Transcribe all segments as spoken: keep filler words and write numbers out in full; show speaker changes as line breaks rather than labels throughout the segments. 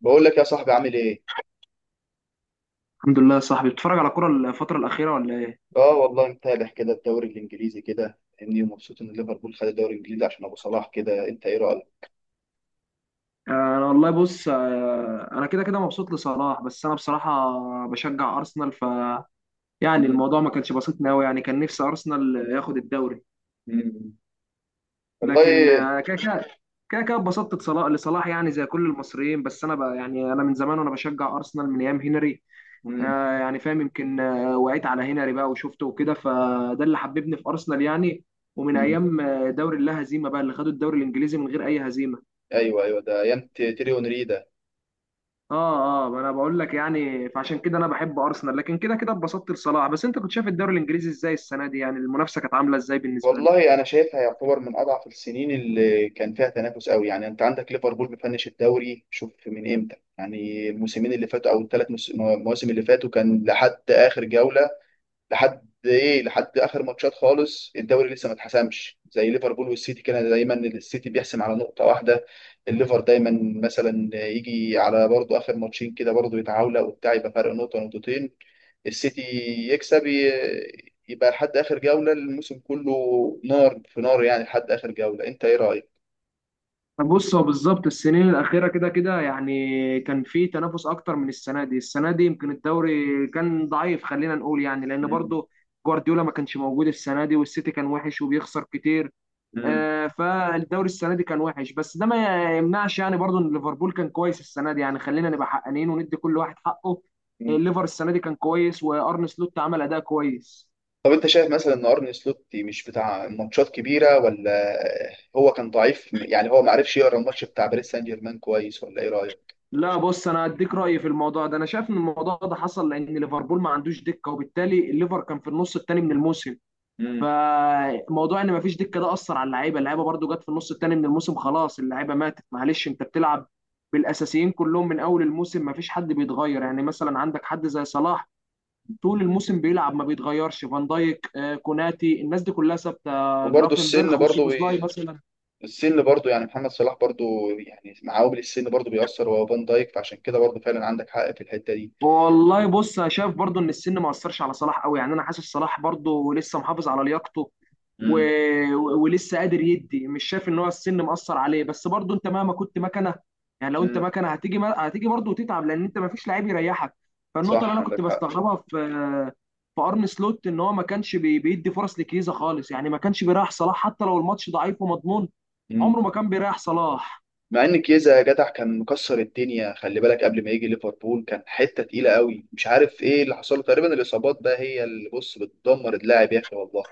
بقول لك يا صاحبي، عامل ايه؟
الحمد لله يا صاحبي، بتتفرج على كرة الفترة الأخيرة ولا إيه؟
اه، والله متابع كده الدوري الانجليزي كده، اني مبسوط ان ليفربول خد الدوري الانجليزي عشان ابو صلاح كده. انت ايه رايك؟
أنا والله بص، آه، أنا كده كده مبسوط لصلاح، بس أنا بصراحة بشجع أرسنال ف يعني
مم.
الموضوع ما كانش بسيط أوي، يعني كان نفسي أرسنال ياخد الدوري.
مم.
لكن
والله.
آه، كده كده كده كده اتبسطت لصلاح لصلاح، يعني زي كل المصريين. بس أنا ب... يعني أنا من زمان وأنا بشجع أرسنال من أيام هنري.
مم.
آه، يعني فاهم، يمكن آه، وقعت على هنري بقى وشفته وكده، فده اللي حببني في أرسنال يعني. ومن
مم.
أيام آه، دوري اللا هزيمة، بقى اللي خدوا الدوري الإنجليزي من غير أي هزيمة.
ايوه ايوه، ده ايام ت- تيري اونري ده.
اه اه ما انا بقول لك يعني، فعشان كده انا بحب ارسنال، لكن كده كده اتبسطت لصلاح. بس انت كنت شايف الدوري الانجليزي ازاي السنه دي؟ يعني المنافسه كانت عامله ازاي بالنسبه لك؟
والله انا شايفها يعتبر من اضعف السنين اللي كان فيها تنافس قوي، يعني انت عندك ليفربول بيفنش الدوري. شوف من امتى، يعني الموسمين اللي فاتوا او الثلاث مواسم اللي فاتوا كان لحد اخر جوله، لحد ايه، لحد اخر ماتشات خالص. الدوري لسه ما اتحسمش، زي ليفربول والسيتي كده دايما السيتي بيحسم على نقطة واحدة، الليفر دايما مثلا يجي على برضه اخر ماتشين كده برضه يتعاوله وبتاع، يبقى فرق نقطة نقطتين، السيتي يكسب، ي- يبقى لحد اخر جولة الموسم كله نار في نار، يعني لحد اخر جولة. انت ايه رأيك؟
بص، هو بالظبط السنين الاخيره كده كده، يعني كان في تنافس اكتر من السنه دي. السنه دي يمكن الدوري كان ضعيف، خلينا نقول، يعني لان
مم.
برضو جوارديولا ما كانش موجود السنه دي، والسيتي كان وحش وبيخسر كتير. آه، فالدوري السنه دي كان وحش، بس ده ما يمنعش، يعني برضو ان ليفربول كان كويس السنه دي. يعني خلينا نبقى حقانيين وندي كل واحد حقه. آه،
مم.
الليفر السنه دي كان كويس، وارن سلوت عمل اداء كويس.
طب انت شايف مثلا ان ارني سلوت مش بتاع ماتشات كبيره، ولا هو كان ضعيف؟ يعني هو ما عرفش يقرا الماتش بتاع باريس سان جيرمان كويس، ولا ايه رايك؟
لا، بص انا هديك رايي في الموضوع ده. انا شايف ان الموضوع ده حصل لان ليفربول ما عندوش دكه، وبالتالي الليفر كان في النص الثاني من الموسم.
مم.
فموضوع ان ما فيش دكه ده اثر على اللعيبه. اللعيبه برضو جت في النص الثاني من الموسم، خلاص اللعيبه ماتت، معلش انت بتلعب بالاساسيين كلهم من اول الموسم. ما فيش حد بيتغير، يعني مثلا عندك حد زي صلاح طول الموسم بيلعب ما بيتغيرش. فان دايك آه، كوناتي، الناس دي كلها ثابته.
وبرضه السن
جرافنبرخ
برضه
وسوبوسلاي
بي...
مثلا.
السن برضه، يعني محمد صلاح برضه، يعني مع عوامل السن برضه بيأثر وهو فان دايك، فعشان كده برضه فعلا عندك حق في الحته دي.
والله بص، انا شايف برضو ان السن ما اثرش على صلاح قوي. يعني انا حاسس صلاح برضو لسه محافظ على لياقته و...
مم.
و- ولسه قادر يدي. مش شايف ان هو السن مأثر عليه، بس برضو انت مهما كنت مكنه. يعني لو انت
مم.
مكنه هتيجي ما... هتيجي برضو وتتعب، لان انت ما فيش لعيب يريحك. فالنقطه اللي
صح،
انا كنت
عندك حق.
بستغربها في في ارن سلوت ان هو ما كانش بي... بيدي فرص لكيزا خالص. يعني ما كانش بيريح صلاح حتى لو الماتش ضعيف ومضمون.
مم.
عمره ما كان بيريح صلاح.
مع ان كيزا يا جدع كان مكسر الدنيا، خلي بالك قبل ما يجي ليفربول كان حته تقيله قوي، مش عارف ايه اللي حصل له. تقريبا الاصابات بقى هي اللي، بص، بتدمر اللاعب يا اخي والله.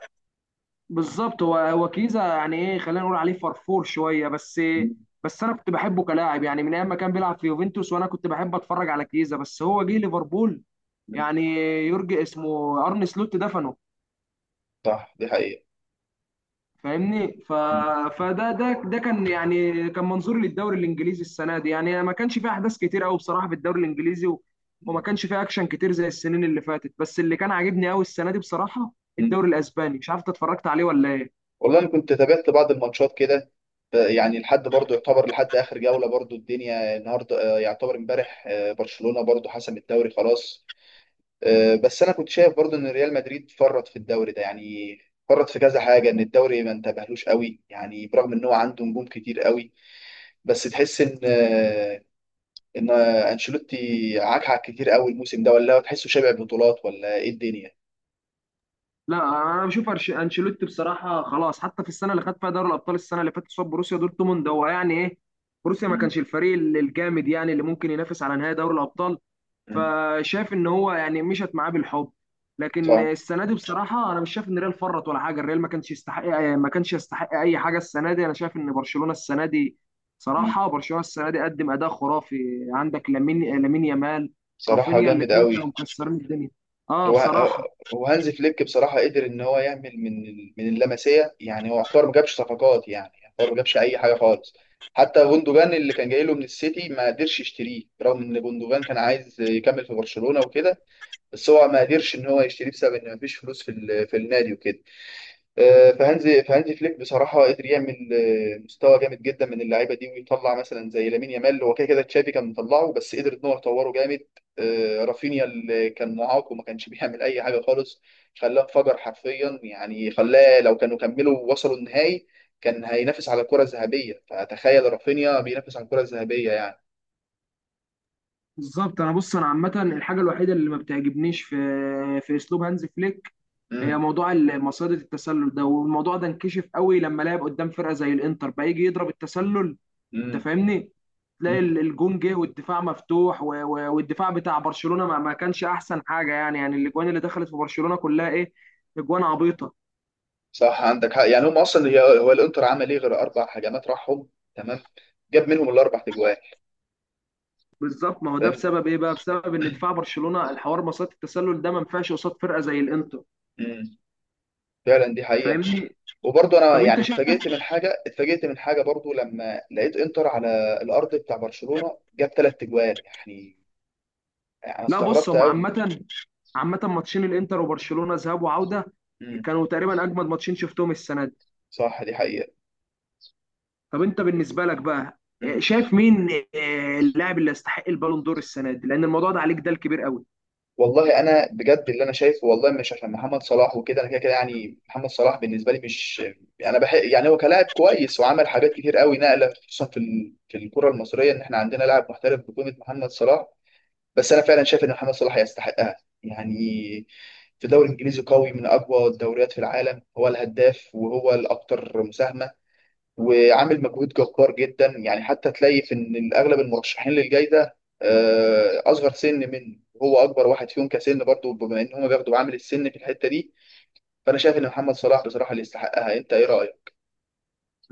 بالظبط، هو هو كيزا يعني ايه، خلينا نقول عليه فرفور شويه بس. بس انا كنت بحبه كلاعب، يعني من ايام ما كان بيلعب في يوفنتوس وانا كنت بحب اتفرج على كيزا. بس هو جه ليفربول يعني، يورجي اسمه، ارن سلوت دفنه.
صح، دي حقيقة.
فاهمني. ف...
مم.
فده ده ده كان يعني كان منظوري للدوري الانجليزي السنه دي. يعني ما كانش فيه احداث كتير قوي بصراحه في الدوري الانجليزي، و... وما
مم.
كانش فيه اكشن كتير زي السنين اللي فاتت. بس اللي كان عاجبني قوي السنه دي بصراحه،
مم.
الدوري الاسباني، مش عارف إنت اتفرجت عليه ولا ايه؟
والله أنا كنت تابعت بعض الماتشات كده، ف- يعني لحد برضه يعتبر لحد آخر جولة برضه. الدنيا النهاردة، آه، يعتبر امبارح، آه، برشلونة برضه حسم الدوري خلاص. آه، بس أنا كنت شايف برضه إن ريال مدريد فرط في الدوري ده، يعني فرط في كذا حاجة، إن الدوري ما انتبهلوش قوي يعني، برغم إن هو عنده نجوم كتير قوي. بس تحس إن، آه، إن آه، أنشيلوتي عكعك كتير قوي الموسم ده، ولا هو تحسه شبع بطولات ولا إيه الدنيا؟
لا، انا بشوف أرش- انشيلوتي بصراحه خلاص. حتى في السنه اللي خد فيها دوري الابطال، السنه اللي فاتت قصاد بروسيا دورتموند، هو يعني ايه، بروسيا ما
مم.
كانش الفريق ال- الجامد يعني اللي ممكن ينافس على نهائي دوري الابطال.
مم.
فشاف ان هو يعني مشت معاه بالحب. لكن
صح.
السنه دي بصراحه انا مش شايف ان الريال فرط ولا حاجه. الريال ما كانش يستحق ما كانش يستحق اي حاجه السنه دي. انا شايف ان برشلونه السنه دي، صراحه برشلونه السنه دي قدم اداء خرافي. عندك لامين لامين يامال
بصراحة
رافينيا،
جامد
الاثنين كانوا
قوي.
مكسرين الدنيا. اه
هو
بصراحه.
وهانز فليك بصراحة قدر إن هو يعمل من ال- من اللمسية، يعني هو يعتبر ما جابش صفقات، يعني يعتبر ما جابش أي حاجة خالص. حتى جوندوجان اللي كان جاي له من السيتي ما قدرش يشتريه، رغم إن جوندوجان كان عايز يكمل في برشلونة وكده، بس هو ما قدرش إن هو يشتريه بسبب إن ما فيش فلوس في ال- في النادي وكده. آه، فهانزي فهانزي فليك بصراحه قدر يعمل آه، مستوى جامد جدا من اللعيبه دي، ويطلع مثلا زي لامين يامال. هو كده كده تشافي كان مطلعه، بس قدر ان هو يطوره جامد. آه، رافينيا اللي كان معاق وما كانش بيعمل اي حاجه خالص خلاه انفجر حرفيا. يعني خلاه، لو كانوا كملوا وصلوا النهائي كان هينافس على الكره الذهبيه. فتخيل رافينيا بينافس على الكره الذهبيه يعني.
بالظبط. انا بص، انا عامه الحاجه الوحيده اللي ما بتعجبنيش في في اسلوب هانز فليك هي
امم.
موضوع ال- مصيدة التسلل ده. والموضوع ده انكشف قوي لما لعب قدام فرقه زي الانتر، بقى يجي يضرب التسلل. انت
امم.
فاهمني. تلاقي
امم.
ال- الجون جه والدفاع مفتوح و- و- والدفاع بتاع برشلونه ما ما كانش احسن حاجه. يعني يعني الاجوان اللي دخلت في برشلونه كلها ايه؟ اجوان عبيطه.
صح، عندك حق، يعني هم اصلا، هي- هو الانتر عمل ايه غير اربع هجمات راحهم. تمام. جاب منهم الاربع تجوان.
بالظبط. ما هو ده
فاهم.
بسبب ايه بقى؟ بسبب ان دفاع برشلونه، الحوار مصيدة التسلل ده ما ينفعش قصاد فرقه زي الانتر.
امم. فعلا دي حقيقة.
فاهمني.
وبرضه انا،
طب انت
يعني
شايف؟
اتفاجئت من حاجة اتفاجئت من حاجة برضه لما لقيت انتر على الارض بتاع برشلونة جاب ثلاث اجوال يعني. انا
لا، بص
استغربت
هم
قوي.
عامة. عامة، ماتشين الانتر وبرشلونة ذهاب وعودة
امم.
كانوا تقريبا اجمد ماتشين شفتهم السنة دي.
صح، دي حقيقة.
طب انت بالنسبة لك بقى، آه،
امم.
شايف مين آه، اللاعب اللي يستحق البالون دور السنة دي؟ لان الموضوع ده عليك ده الكبير قوي.
والله انا بجد اللي انا شايفه، والله مش عشان محمد صلاح وكده، انا كده كده يعني محمد صلاح بالنسبة لي مش، انا بحق يعني هو كلاعب كويس وعمل حاجات كتير قوي، نقلة خصوصا في ال... في الكرة المصرية ان احنا عندنا لاعب محترف بقيمة محمد صلاح. بس انا فعلا شايف ان محمد صلاح يستحقها، يعني في دوري انجليزي قوي من اقوى الدوريات في العالم، هو الهداف وهو الاكثر مساهمه، وعامل مجهود جبار جدا. يعني حتى تلاقي في ان اغلب المرشحين للجائزه، آه، اصغر سن منه، وهو اكبر واحد فيهم كسن برضه، بما ان هم بياخدوا عامل السن في الحته دي. فانا شايف ان محمد صلاح بصراحه اللي يستحقها. انت ايه رايك؟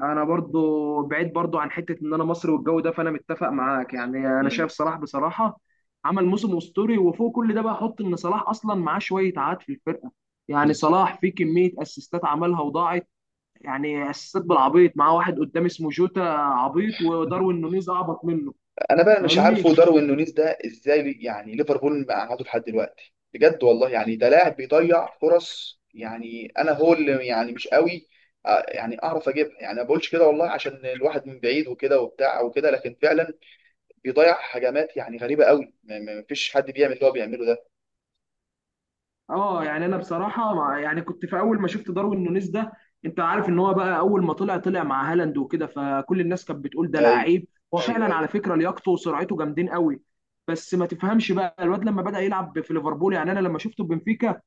انا برضو، بعيد برضو عن حتة ان انا مصري والجو ده، فانا متفق معاك. يعني انا
مم.
شايف صلاح بصراحة عمل موسم اسطوري. وفوق كل ده بقى، حط ان صلاح اصلا معاه شوية عاد في الفرقة. يعني صلاح في كمية اسيستات عملها وضاعت. يعني اسيستات بالعبيط. معاه واحد قدام اسمه جوتا عبيط، وداروين نونيز اعبط منه.
انا بقى مش
فاهمني.
عارفه داروين نونيز ده ازاي، يعني ليفربول مقعده لحد دلوقتي بجد والله، يعني ده لاعب بيضيع فرص، يعني انا، هو اللي يعني مش قوي. آه، يعني اعرف اجيبها، يعني ما بقولش كده والله عشان الواحد من بعيد وكده وبتاع وكده، لكن فعلا بيضيع هجمات، يعني غريبه قوي. ما ما فيش حد بيعمل اللي هو بيعمله ده.
اه يعني انا بصراحه مع، يعني كنت في اول ما شفت داروين نونيز ده، انت عارف ان هو بقى اول ما طلع، طلع مع هالاند وكده، فكل الناس كانت بتقول ده
ايوه.
لعيب. هو
ايوه،
فعلا
ايوه.
على فكره لياقته وسرعته جامدين قوي. بس ما تفهمش بقى الواد لما بدأ يلعب في ليفربول. يعني انا لما شفته في بنفيكا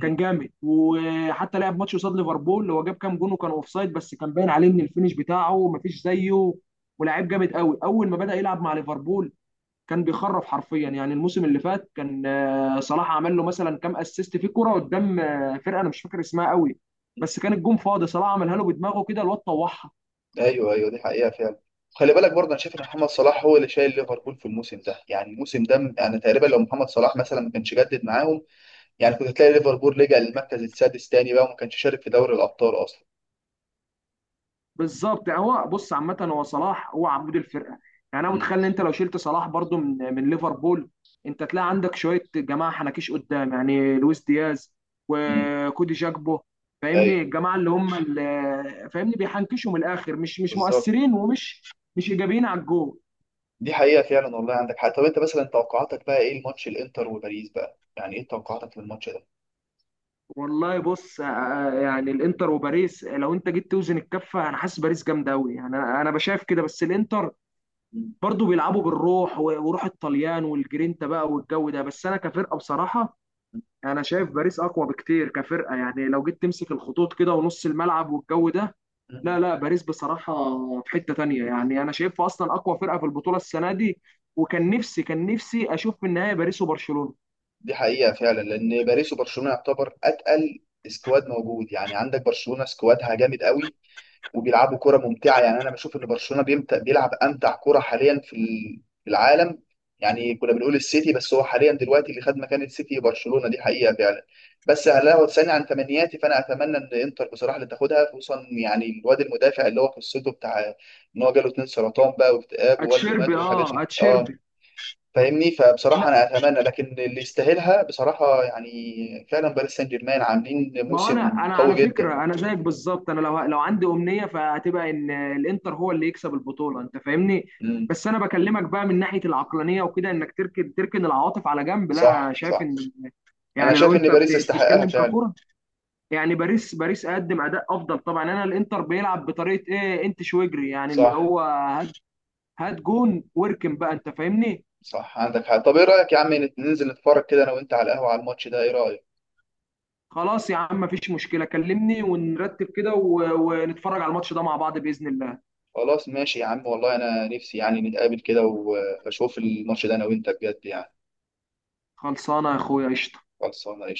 كان جامد، وحتى لعب ماتش قصاد ليفربول هو جاب كام جون وكان اوفسايد، بس كان باين عليه ان الفينش بتاعه مفيش زيه ولاعيب جامد قوي. اول ما بدأ يلعب مع ليفربول كان بيخرف حرفيا. يعني الموسم اللي فات كان آه، صلاح عمل له مثلا كام اسيست في كرة قدام آه، فرقة انا مش فاكر اسمها قوي،
مم.
بس كان الجون فاضي، صلاح عملها له بدماغه كده، الواد طوحها.
ايوه، ايوه، دي حقيقه فعلا. خلي بالك برضه انا شايف ان محمد صلاح هو اللي شايل ليفربول في الموسم ده. يعني الموسم ده انا تقريبا، لو محمد صلاح مثلا ما كانش جدد معاهم، يعني كنت تلاقي ليفربول لجأ للمركز السادس تاني بقى، وما كانش شارك في دوري الأبطال أصلا.
بالظبط. يعني هو بص عامة، هو صلاح هو عمود الفرقة. يعني انا
مم.
متخيل ان انت لو شلت صلاح برضو من من ليفربول، انت تلاقي عندك شوية جماعة حنكيش قدام، يعني لويس دياز
مم.
وكودي جاكبو. فاهمني.
أيوه،
الجماعة اللي هم اللي فاهمني بيحنكشوا من الاخر، مش مش
بالظبط،
مؤثرين، ومش مش ايجابيين على الجول.
دي حقيقة فعلا، والله عندك حق. طب أنت مثلا توقعاتك بقى إيه الماتش الإنتر وباريس بقى؟ يعني إيه توقعاتك للماتش ده؟
والله بص، آه، آه، يعني الانتر وباريس لو انت جيت توزن الكفه، انا حاسس باريس جامده قوي. يعني انا أنا بشايف كده. بس الانتر
مم.
برضو بيلعبوا بالروح، و- وروح الطليان والجرينتا بقى والجو ده. بس انا كفرقه بصراحه، انا شايف باريس اقوى بكتير كفرقه. يعني لو جيت تمسك الخطوط كده ونص الملعب والجو ده،
مم.
لا لا، باريس بصراحه في حته تانية. يعني انا شايفها اصلا اقوى فرقه في البطوله السنه دي. وكان نفسي كان نفسي اشوف في النهايه باريس وبرشلونه.
دي حقيقة فعلا، لأن باريس وبرشلونة يعتبر أتقل سكواد موجود، يعني عندك برشلونة سكوادها جامد قوي وبيلعبوا كرة ممتعة. يعني أنا بشوف إن برشلونة بيمت- بيلعب أمتع كرة حاليا في ال- في العالم. يعني كنا بنقول السيتي، بس هو حاليا دلوقتي اللي خد مكان السيتي برشلونة. دي حقيقة فعلا. بس لو تسألني عن تمنياتي، فأنا أتمنى إن إنتر بصراحة اللي تاخدها، خصوصا يعني الواد المدافع اللي هو قصته بتاع إن هو جاله اتنين سرطان بقى واكتئاب ووالده مات
اتشيربي
والحاجات
اه
دي، أه.
اتشيربي.
فاهمني. فبصراحة أنا أتمنى، لكن اللي يستاهلها بصراحة، يعني فعلا باريس سان جيرمان عاملين
ما هو،
موسم
انا انا
قوي
على
جدا.
فكره، انا زيك بالظبط. انا لو لو عندي امنيه فهتبقى ان الانتر هو اللي يكسب البطوله. انت فاهمني.
امم.
بس انا بكلمك بقى من ناحيه العقلانيه وكده، انك تركن تركن العواطف على جنب. لا،
صح،
شايف
صح.
ان
انا
يعني لو
شايف ان
انت بت-
باريس يستحقها
بتتكلم
فعلا.
ككره، يعني باريس باريس قدم اداء افضل طبعا. يعني انا الانتر بيلعب بطريقه ايه؟ انت شويجري يعني، اللي
صح،
هو هات هات جون واركن بقى، انت فاهمني.
صح، عندك حق. طب ايه رايك يا عم، نت- ننزل نتفرج كده انا وانت على القهوه على الماتش ده، ايه رايك؟
خلاص يا عم، مفيش مشكله، كلمني ونرتب كده و- ونتفرج على الماتش ده مع بعض باذن الله.
خلاص ماشي يا عم، والله انا نفسي يعني نتقابل كده و- واشوف الماتش ده انا وانت بجد يعني.
خلصانه يا اخويا، قشطه.
خلصانه قشطة.